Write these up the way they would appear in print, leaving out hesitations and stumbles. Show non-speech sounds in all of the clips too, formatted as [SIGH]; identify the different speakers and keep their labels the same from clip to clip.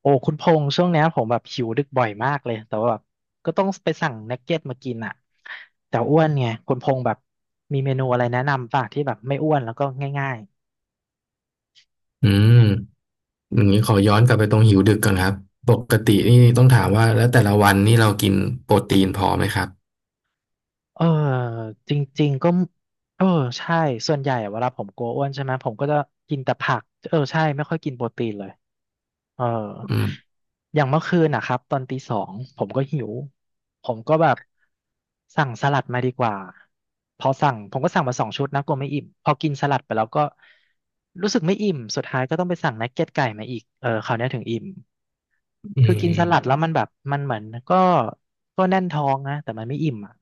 Speaker 1: โอ้คุณพงษ์ช่วงเนี้ยผมแบบหิวดึกบ่อยมากเลยแต่ว่าแบบก็ต้องไปสั่งนักเก็ตมากินอ่ะแต่อ้วนไงคุณพงษ์แบบมีเมนูอะไรแนะนำป่ะที่แบบไม่อ้วนแล้วก็ง่าย
Speaker 2: อืมอย่างนี้ขอย้อนกลับไปตรงหิวดึกก่อนครับปกตินี่ต้องถามว่าแล้วแต่ละวันนี่เรากินโปรตีนพอไหมครับ
Speaker 1: เออจริงๆก็เออใช่ส่วนใหญ่อะเวลาผมกลัวอ้วนใช่ไหมผมก็จะกินแต่ผักเออใช่ไม่ค่อยกินโปรตีนเลยเออ
Speaker 2: อืม
Speaker 1: อย่างเมื่อคืนนะครับตอนตีสองผมก็หิวผมก็แบบสั่งสลัดมาดีกว่าพอสั่งผมก็สั่งมา2 ชุดนะกลัวไม่อิ่มพอกินสลัดไปแล้วก็รู้สึกไม่อิ่มสุดท้ายก็ต้องไปสั่งนักเก็ตไก่มาอีกเออคราวเนี้ยถึงอิ่ม
Speaker 2: อื
Speaker 1: คือกินสลัด
Speaker 2: ม
Speaker 1: แล้วมันแบบมันเหมือนก็ก็แน่นท้องนะแต่มันไม่อิ่มอ่ะ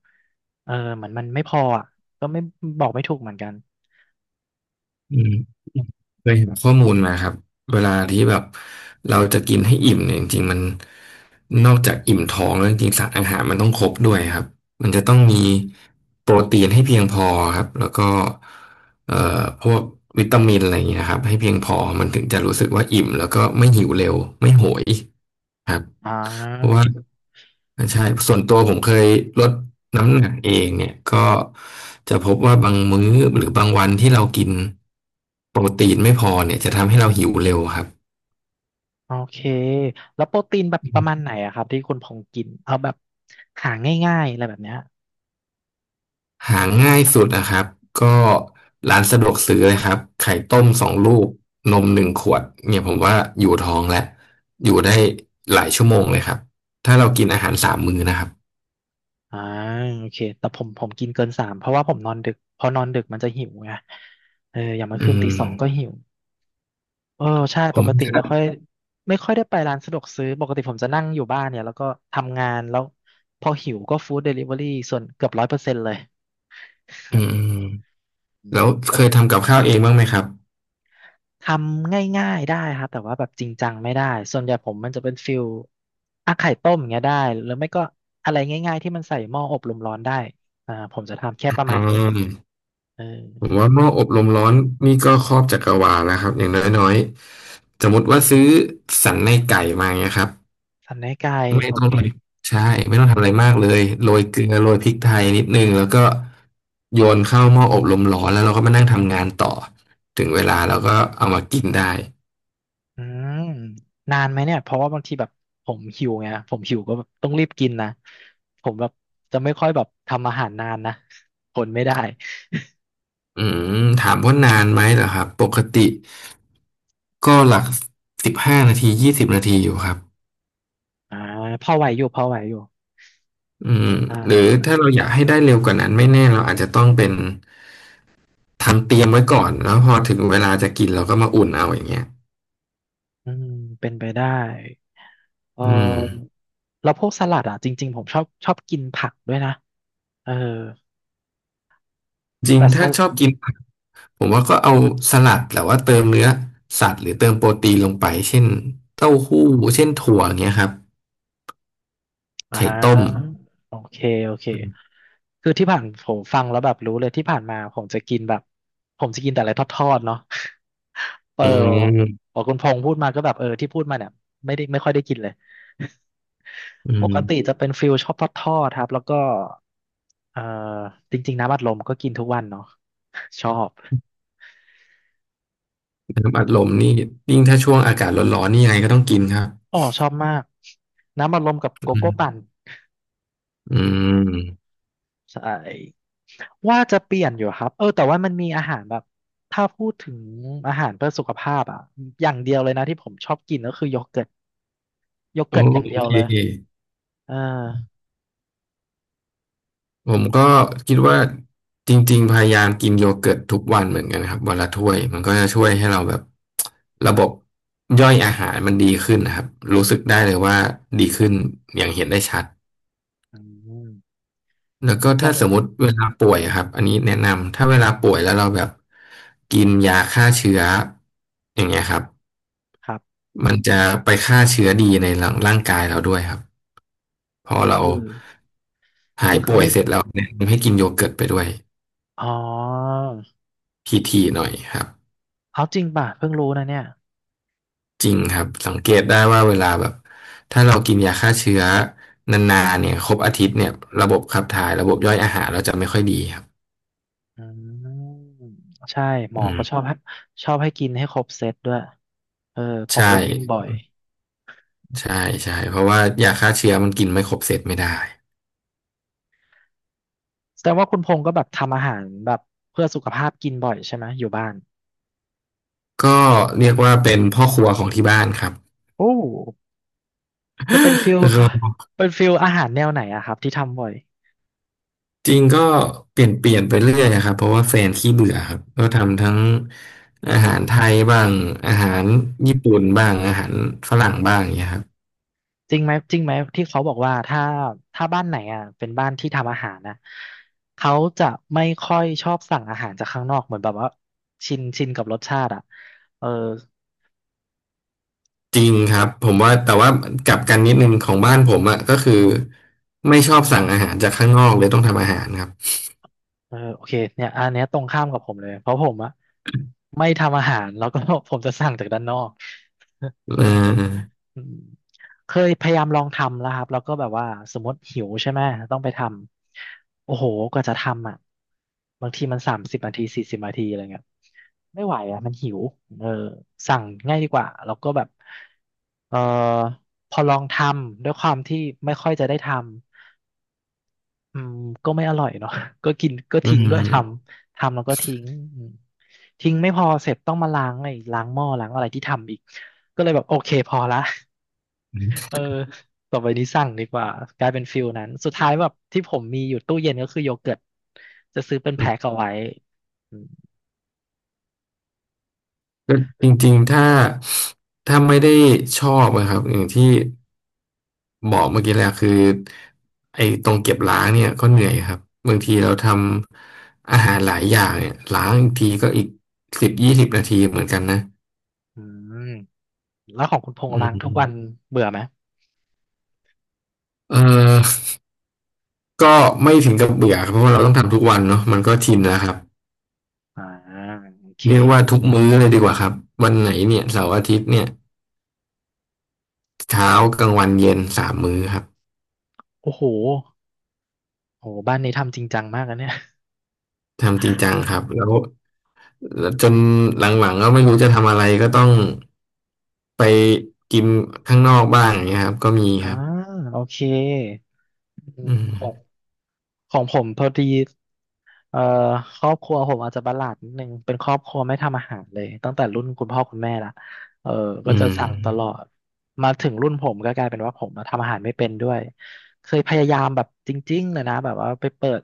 Speaker 1: เออเหมือนมันไม่พออ่ะก็ไม่บอกไม่ถูกเหมือนกัน
Speaker 2: อืมเคยเห็นข้อมูลมาครับเวลาที่แบบเราจะกินให้อิ่มเนี่ยจริงๆมันนอกจากอิ่มท้องแล้วจริงๆสารอาหารมันต้องครบด้วยครับมันจะต้องมีโปรตีนให้เพียงพอครับแล้วก็เอ่อพวกวิตามินอะไรอย่างเงี้ยครับให้เพียงพอมันถึงจะรู้สึกว่าอิ่มแล้วก็ไม่หิวเร็วไม่โหยครับ
Speaker 1: อ่า
Speaker 2: เพราะว่าใช่ส่วนตัวผมเคยลดน้ำหนักเองเนี่ยก็จะพบว่าบางมื้อหรือบางวันที่เรากินโปรตีนไม่พอเนี่ยจะทำให้เราหิวเร็วครับ
Speaker 1: โอเคแล้วโปรตีนแบบประมาณไหนอะครับที่คุณพงษ์กินเอาแบบหาง่ายๆอะไรแบบเนี้ย
Speaker 2: หาง่ายสุดนะครับก็ร้านสะดวกซื้อเลยครับไข่ต้มสองลูกนม1ขวดเนี่ยผมว่าอยู่ท้องแล้วอยู่ได้หลายชั่วโมงเลยครับถ้าเรากินอาหารสามมื้อนะครับ
Speaker 1: อ่าโอเคแต่ผมกินเกินสามเพราะว่าผมนอนดึกพอนอนดึกมันจะหิวไงเอออย่างเมื่อ
Speaker 2: อื
Speaker 1: คืนตี
Speaker 2: ม
Speaker 1: สองก็หิว เออใช่
Speaker 2: ผ
Speaker 1: ปกติไม่
Speaker 2: ม
Speaker 1: ค่อยไม่ค่อยได้ไปร้านสะดวกซื้อปกติผมจะนั่งอยู่บ้านเนี่ยแล้วก็ทำงานแล้วพอหิวก็ฟู้ดเดลิเวอรี่ส่วนเกือบ100%เลย
Speaker 2: อืม
Speaker 1: [LAUGHS] อื
Speaker 2: แล้วเคย
Speaker 1: ม
Speaker 2: ทำกับข้าวเองบ้างไหมครับ
Speaker 1: ทำง่ายๆได้ครับแต่ว่าแบบจริงจังไม่ได้ส่วนใหญ่ผมมันจะเป็นฟิลอ่ะไข่ต้มอย่างเงี้ยได้หรือไม่ก็อะไรง่ายๆที่มันใส่หม้ออบลมร้อนได้อ่าผมจะทำแค่
Speaker 2: อ
Speaker 1: ประ
Speaker 2: ื
Speaker 1: มาณนี้
Speaker 2: ม
Speaker 1: เอ
Speaker 2: ผ
Speaker 1: อ
Speaker 2: มว่าหม้ออบลมร้อนนี่ก็ครอบจักรวาลแล้วครับอย่างน้อยๆสมมติว่าซื้อสันในไก่มาเงี้ยครับ
Speaker 1: สันในไก่
Speaker 2: ไม่
Speaker 1: โอ
Speaker 2: ต้อง
Speaker 1: เค
Speaker 2: เลยใช่ไม่ต้องทำอะไรมากเลยโรยเกลือโรยพริกไทยนิดนึงแล้วก็โยนเข้าหม้ออบลมร้อนแล้วเราก็มานั่งทำงานต่อถึงเวลา
Speaker 1: อื
Speaker 2: เราก็
Speaker 1: ม
Speaker 2: เอามากินได้
Speaker 1: อืมนานไหมเนี่ยเพราะว่าบางทีแบบผมหิวไงผมหิวก็แบบต้องรีบกินนะผมแบบจะไม่ค่อยแบบทำอาหารนานนะทนไม่ได้
Speaker 2: อืมถามว่านานไหมเหรอครับปกติก็หลัก15นาทียี่สิบนาทีอยู่ครับ
Speaker 1: อ่าพอไหวอยู่พอไหวอยู่
Speaker 2: อืม
Speaker 1: อ่
Speaker 2: หรือถ้า
Speaker 1: า
Speaker 2: เราอยากให้ได้เร็วกว่านั้นไม่แน่เราอาจจะต้องเป็น ทำเตรียมไว้ก่อนแล้วพอถึงเวลาจะกินเราก็มาอุ่นเอาอย่างเงี้ย
Speaker 1: อืมเป็นไปได้เ
Speaker 2: อืม
Speaker 1: ออแล้วพวกสลัดอ่ะจริงๆผมชอบกินผักด้วยนะเออ
Speaker 2: จริง
Speaker 1: แต่สลั
Speaker 2: ช
Speaker 1: ด
Speaker 2: อบกินผักผมว่าก็เอาสลัดแต่ว่าเติมเนื้อสัตว์หรือเติมโปรตีนลงไปเช่นเต้าหู้เช่นถั่วอย่างเงี้ยครับ
Speaker 1: อ่
Speaker 2: ไข่ต้ม
Speaker 1: าโอเคโอเคคือที่ผ่านผมฟังแล้วแบบรู้เลยที่ผ่านมาผมจะกินแบบผมจะกินแต่อะไรทอดๆเนาะ [LAUGHS] เออ
Speaker 2: อืม
Speaker 1: พอคุณพงษ์พูดมาก็แบบเออที่พูดมาเนี่ยไม่ได้ไม่ค่อยได้กินเลย
Speaker 2: อื
Speaker 1: ปกติ
Speaker 2: ม
Speaker 1: จะเป็นฟิลชอบทอดๆครับแล้วก็เออจริงๆน้ำอัดลมก็กินทุกวันเนาะชอบ
Speaker 2: น้ำอัดลมนี่ยิ่งถ้าช่วงอากาศร้อนๆนี่ยังไงก็ต้องกินครับ
Speaker 1: อ๋อชอบมากน้ำอัดลมกับโก
Speaker 2: อื
Speaker 1: โก้
Speaker 2: ม
Speaker 1: ปั่น
Speaker 2: อืม
Speaker 1: ใช่ว่าจะเปลี่ยนอยู่ครับเออแต่ว่ามันมีอาหารแบบถ้าพูดถึงอาหารเพื่อสุขภาพอ่ะอย่างเดียวเลยนะที่ผมชอบกินก็คือโยเกิร์ตโย
Speaker 2: โอ
Speaker 1: เกิร์ตอย่างเดียว
Speaker 2: เค
Speaker 1: เลยอ่า
Speaker 2: ผมก็คิดว่าจริงๆพยายามกินโยเกิร์ตทุกวันเหมือนกันนะครับวันละถ้วยมันก็จะช่วยให้เราแบบระบบย่อยอาหารมันดีขึ้นนะครับรู้สึกได้เลยว่าดีขึ้นอย่างเห็นได้ชัด
Speaker 1: อืม
Speaker 2: แล้วก็
Speaker 1: อย่า
Speaker 2: ถ้า
Speaker 1: ง
Speaker 2: สมมติเวลาป่วยอะครับอันนี้แนะนำถ้าเวลาป่วยแล้วเราแบบกินยาฆ่าเชื้ออย่างเงี้ยครับ
Speaker 1: ครับ
Speaker 2: มันจะไปฆ่าเชื้อดีในร่างกายเราด้วยครับพอ
Speaker 1: ก็
Speaker 2: เรา
Speaker 1: คือ
Speaker 2: หา
Speaker 1: คือ
Speaker 2: ย
Speaker 1: ก็คือ
Speaker 2: ป่วย
Speaker 1: ไม่
Speaker 2: เสร็จแล้วแนะนำให้กินโยเกิร์ตไปด้วย
Speaker 1: อ๋อ
Speaker 2: พีทีหน่อยครับ
Speaker 1: เอาจริงป่ะเพิ่งรู้นะเนี่ย
Speaker 2: จริงครับสังเกตได้ว่าเวลาแบบถ้าเรากินยาฆ่าเชื้อนานๆเนี่ยครบอาทิตย์เนี่ยระบบขับถ่ายระบบย่อยอาหารเราจะไม่ค่อยดีครับ
Speaker 1: อืมใช่หม
Speaker 2: อื
Speaker 1: อก็ชอ
Speaker 2: ม
Speaker 1: บให้ชอบให้กินให้ครบเซตด้วยเออผม
Speaker 2: ใช่
Speaker 1: ก็กินบ่อย
Speaker 2: ใช่ใช่เพราะว่ายาฆ่าเชื้อมันกินไม่ครบเสร็จไม่ได้
Speaker 1: แสดงว่าคุณพงษ์ก็แบบทำอาหารแบบเพื่อสุขภาพกินบ่อยใช่ไหมอยู่บ้าน
Speaker 2: ก็เรียกว่าเป็นพ่อครัวของที่บ้านครับ
Speaker 1: โอ้จะเป็นฟิล
Speaker 2: [LAUGHS] ก็
Speaker 1: เป็นฟิลอาหารแนวไหนอะครับที่ทำบ่อย
Speaker 2: จริงก็เปลี่ยนไปเรื่อยนะครับเพราะว่าแฟนขี้เบื่อครับก็ทำทั้งอาหารไทยบ้างอาหาร
Speaker 1: อ่า
Speaker 2: ญี่ปุ่นบ้างอาหารฝรั่งบ้างอย่างเงี้ยครับ
Speaker 1: จริงไหมที่เขาบอกว่าถ้าถ้าบ้านไหนอ่ะเป็นบ้านที่ทำอาหารนะเขาจะไม่ค่อยชอบสั่งอาหารจากข้างนอกเหมือนแบบว่าชินกับรสชาติอ่ะเออ
Speaker 2: จริงครับผมว่าแต่ว่ากลับกันนิดนึงของบ้านผมอะก็คือไม่ชอบสั่งอาหารจากข้างนอกเลยต้องทำอาหารครับ
Speaker 1: เออโอเคเนี่ยอันเนี้ยตรงข้ามกับผมเลยเพราะผมอ่ะไม่ทำอาหารแล้วก็ [LAUGHS] ผมจะสั่งจากด้านนอก
Speaker 2: เออ
Speaker 1: อืมเคยพยายามลองทำแล้วครับแล้วก็แบบว่าสมมติหิวใช่ไหมต้องไปทำโอ้โหกว่าจะทำอ่ะบางทีมัน30 นาที 40 นาทีอะไรเงี้ยไม่ไหวอ่ะมันหิวเออสั่งง่ายดีกว่าแล้วก็แบบเออพอลองทำด้วยความที่ไม่ค่อยจะได้ทำอืมก็ไม่อร่อยเนาะ [LAUGHS] ก็กินก็
Speaker 2: อื
Speaker 1: ทิ้ง
Speaker 2: ม
Speaker 1: ด้วยทำแล้วก็ทิ้งอืมทิ้งไม่พอเสร็จต้องมาล้างไอ้ล้างหม้อล้างอะไรที่ทำอีกก็เลยแบบโอเคพอละ เออต่อไปนี้สั่งดีกว่ากลายเป็นฟิลนั้นสุดท้ายแบบที่ผมมีอยู่ตู้เย็นก็คือโยเกิร์ตจะซื้อเป็นแพ็คเอาไว้อืม
Speaker 2: ก็จริงๆถ้าไม่ได้ชอบนะครับอย่างที่บอกเมื่อกี้แหละคือไอ้ตรงเก็บล้างเนี่ยก็เหนื่อยครับบางทีเราทำอาหารหลายอย่างเนี่ยล้างอีกทีก็อีกสิบยี่สิบนาทีเหมือนกันนะ
Speaker 1: อืมแล้วของคุณพง
Speaker 2: อื
Speaker 1: ษ์ล้างทุกวัน
Speaker 2: ม
Speaker 1: เบื่อไหม
Speaker 2: เออก็ไม่ถึงกับเบื่อครับเพราะว่าเราต้องทำทุกวันเนาะมันก็ชินแล้วครับ
Speaker 1: อ่าโอเค
Speaker 2: เรียกว่าทุกมื้อเลยดีกว่าครับวันไหนเนี่ยเสาร์อาทิตย์เนี่ยเช้ากลางวันเย็นสามมื้อครับ
Speaker 1: โอ้โหโหบ้านนี้ทำจริงจังมากนะเนี่ย
Speaker 2: ทำจริงจังครับแล้วจนหลังๆก็ไม่รู้จะทำอะไรก็ต้องไปกินข้างนอกบ้างอย่างเงี้ยครับก็มี
Speaker 1: อ่า
Speaker 2: ครับ
Speaker 1: โอเคอืม
Speaker 2: อืม
Speaker 1: ของของผมพอดี เอ่อครอบครัวผมอาจจะประหลาดนิดนึงเป็นครอบครัวไม่ทำอาหารเลยตั้งแต่รุ่นคุณพ่อคุณแม่ละเออก็
Speaker 2: อื
Speaker 1: จะ
Speaker 2: ม
Speaker 1: สั่งตลอดมาถึงรุ่นผมก็กลายเป็นว่าผมมาทำอาหารไม่เป็นด้วยเคยพยายามแบบจริงๆเลยนะแบบว่าไปเปิด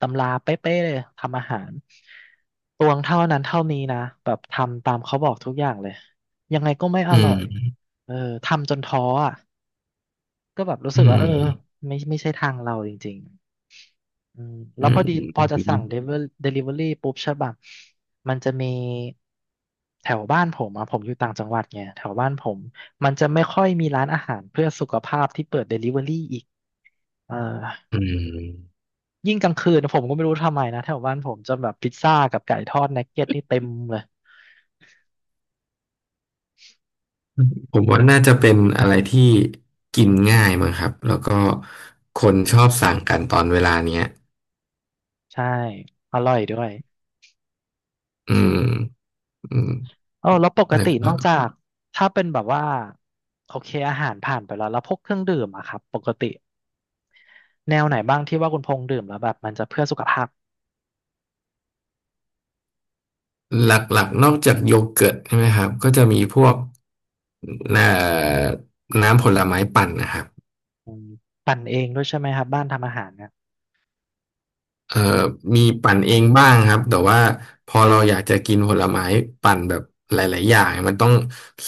Speaker 1: ตำราเป๊ะๆเลยทำอาหารตวงเท่านั้นเท่านี้นะแบบทำตามเขาบอกทุกอย่างเลยยังไงก็ไม่อ
Speaker 2: อื
Speaker 1: ร่อย
Speaker 2: ม
Speaker 1: เออทำจนท้ออ่ะก็แบบรู้
Speaker 2: อื
Speaker 1: สึกว่าเออ
Speaker 2: ม
Speaker 1: ไม่ใช่ทางเราจริง อืมแล้
Speaker 2: อื
Speaker 1: วพ
Speaker 2: ม
Speaker 1: อดีพอจะสั่งเดลิเวอรี่ปุ๊บใช่ป่ะมันจะมีแถวบ้านผมอะผมอยู่ต่างจังหวัดไงแถวบ้านผมมันจะไม่ค่อยมีร้านอาหารเพื่อสุขภาพที่เปิดเดลิเวอรี่อีกเออ
Speaker 2: อืม
Speaker 1: ยิ่งกลางคืนผมก็ไม่รู้ทำไมนะแถวบ้านผมจะแบบพิซซ่ากับไก่ทอดนักเก็ตนี่เต็มเลย
Speaker 2: ผมว่าน่าจะเป็นอะไรที่กินง่ายมั้งครับแล้วก็คนชอบสั่งกันตอนเวลาเนี้ย
Speaker 1: ใช่อร่อยด้วย
Speaker 2: อืมอืม
Speaker 1: เออแล้วปก
Speaker 2: แล้ว
Speaker 1: ตินอกจากถ้าเป็นแบบว่าโอเคอาหารผ่านไปแล้วแล้วพวกเครื่องดื่มอะครับปกติแนวไหนบ้างที่ว่าคุณพงษ์ดื่มแล้วแบบมันจะเพื่อสุขภาพ
Speaker 2: หลักๆนอกจากโยเกิร์ตใช่ไหมครับก็จะมีพวกน่ะน้ำผลไม้ปั่นนะครับ
Speaker 1: อืมปั่นเองด้วยใช่ไหมครับบ้านทำอาหารเนี่ย
Speaker 2: เอ่อมีปั่นเองบ้างครับแต่ว่าพอเราอยากจะกินผลไม้ปั่นแบบหลายๆอย่างมันต้อง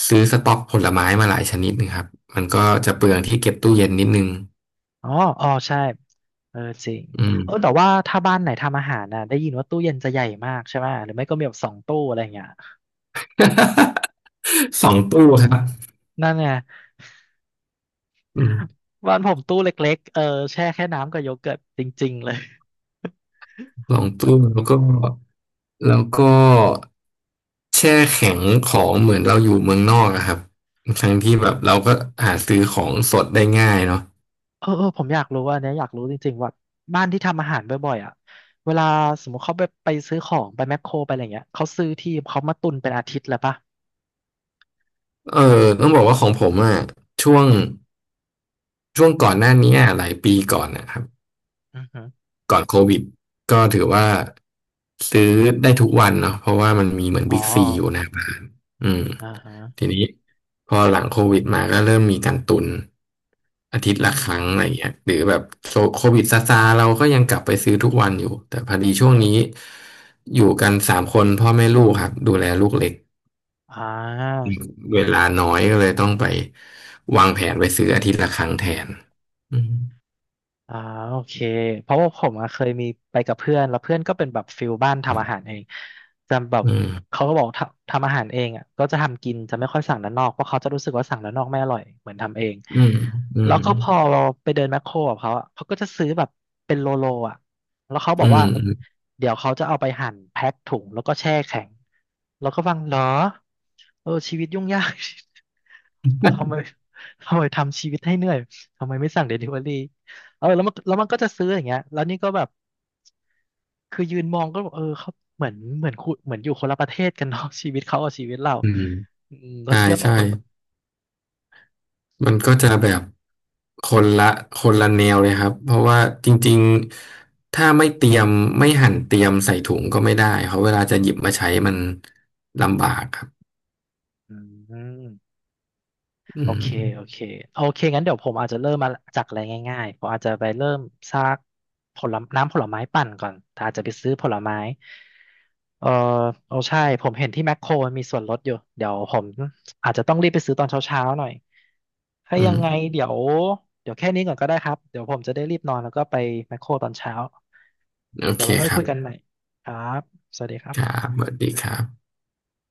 Speaker 2: ซื้อสต็อกผลไม้มาหลายชนิดนะครับมันก็จะเปลืองที่เก็บตู้เย็นนิดนึง
Speaker 1: อ๋ออ๋อใช่เออจริง
Speaker 2: อืม
Speaker 1: เออแต่ว่าถ้าบ้านไหนทำอาหารน่ะได้ยินว่าตู้เย็นจะใหญ่มากใช่ไหมหรือไม่ก็มีแบบสองตู้อะไรอย่างเงี้ย
Speaker 2: [LAUGHS] สองตู้ครับ
Speaker 1: นั่นไง
Speaker 2: อืม
Speaker 1: บ้านผมตู้เล็กๆเออแช่แค่น้ำกับโยเกิร์ตจริงๆเลย
Speaker 2: สองตู้แล้วก็ แล้วก็แช่แข็งของเหมือนเราอยู่เมืองนอกอะครับทั้งที่แบบเราก็หาซื้อของสดได้ง่ายเนาะ
Speaker 1: [LAUGHS] เออเออผมอยากรู้ว่าอันเนี้ยอยากรู้จริงๆว่าบ้านที่ทำอาหารบ่อยๆอ่ะเวลาสมมติเขาไปซื้อของไปแมคโครไปอะไรเงี้ยเขาซื้อที่เขามาตุนเป็นอาทิตย์เลยปะ
Speaker 2: เออต้องบอกว่าของผมอะช่วงช่วงก่อนหน้านี้อะหลายปีก่อนนะครับ
Speaker 1: อือฮึ
Speaker 2: ก่อนโควิดก็ถือว่าซื้อได้ทุกวันเนาะเพราะว่ามันมีเหมือน
Speaker 1: อ๋อ
Speaker 2: บิ๊กซีอยู่หน้าบ้านอืม
Speaker 1: อ่าฮะ
Speaker 2: ทีนี้พอหลังโควิดมาก็เริ่มมีการตุนอาทิตย์
Speaker 1: อื
Speaker 2: ละค
Speaker 1: ม
Speaker 2: รั้งอะไรอย่างเงี้ยหรือแบบโควิดซาซาๆเราก็ยังกลับไปซื้อทุกวันอยู่แต่พอดีช่วงนี้อยู่กันสามคนพ่อแม่ลูกครับดูแลลูกเล็ก
Speaker 1: อ่า
Speaker 2: เวลาน้อยก็เลยต้องไปวางแผนไปซื้ออาทิตย์ละครั้งแทนอืม
Speaker 1: อ่าโอเคเพราะว่าผมอะเคยมีไปกับเพื่อนแล้วเพื่อนก็เป็นแบบฟิลบ้านทำอาหารเองจำแบบ
Speaker 2: อืม
Speaker 1: เขาก็บอกทำอาหารเองอ่ะก็จะทำกินจะไม่ค่อยสั่งด้านนอกเพราะเขาจะรู้สึกว่าสั่งด้านนอกไม่อร่อยเหมือนทำเอง
Speaker 2: อืมอื
Speaker 1: แล้
Speaker 2: ม
Speaker 1: วก็พอเราไปเดินแมคโครกับเขาอะเขาก็จะซื้อแบบเป็นโลโลอ่ะแล้วเขาบ
Speaker 2: อื
Speaker 1: อกว่า
Speaker 2: ม
Speaker 1: เดี๋ยวเขาจะเอาไปหั่นแพ็คถุงแล้วก็แช่แข็งแล้วก็ฟังเหรอเออชีวิตยุ่งยาก [LAUGHS] ทำไมทำชีวิตให้เหนื่อยทำไมไม่สั่งเดลิเวอรี่ เออแล้วมันก็จะซื้ออย่างเงี้ยแล้วนี่ก็แบบคือยืนมองก็บอกเออเขาเหมือนอยู่คนละประเทศกันเนาะ [LAUGHS] ชีวิตเขากับชีวิตเรา
Speaker 2: อืม
Speaker 1: อืมเรา
Speaker 2: ใช่
Speaker 1: เทียบกับ
Speaker 2: ใช่
Speaker 1: คน
Speaker 2: มันก็จะแบบคนละคนละแนวเลยครับ เพราะว่าจริงๆ ถ้าไม่เตรียมไม่หั่นเตรียมใส่ถุงก็ไม่ได้เพราะเวลาจะหยิบมาใช้มันลำบากครับ
Speaker 1: อืม
Speaker 2: อื
Speaker 1: โอเค โอ
Speaker 2: ม
Speaker 1: เคโอเคงั้นเดี๋ยวผมอาจจะเริ่มมาจากอะไรง่ายๆผมอาจจะไปเริ่มซากผลไม้น้ำผลไม้ปั่นก่อนแต่อาจจะไปซื้อผลไม้เออโอ้ใช่ผมเห็นที่แมคโครมันมีส่วนลดอยู่เดี๋ยวผมอาจจะต้องรีบไปซื้อตอนเช้าๆหน่อยถ้า
Speaker 2: อื
Speaker 1: ยังไง
Speaker 2: ม
Speaker 1: เดี๋ยวแค่นี้ก่อนก็ได้ครับเดี๋ยวผมจะได้รีบนอนแล้วก็ไปแมคโครตอนเช้า
Speaker 2: โอ
Speaker 1: เดี๋ย
Speaker 2: เค
Speaker 1: วไว้ค่อ
Speaker 2: ค
Speaker 1: ย
Speaker 2: รั
Speaker 1: เคุยกันให
Speaker 2: บ
Speaker 1: ม่ครับสวัสดีครั
Speaker 2: ค
Speaker 1: บ
Speaker 2: รับสวัสดีครับ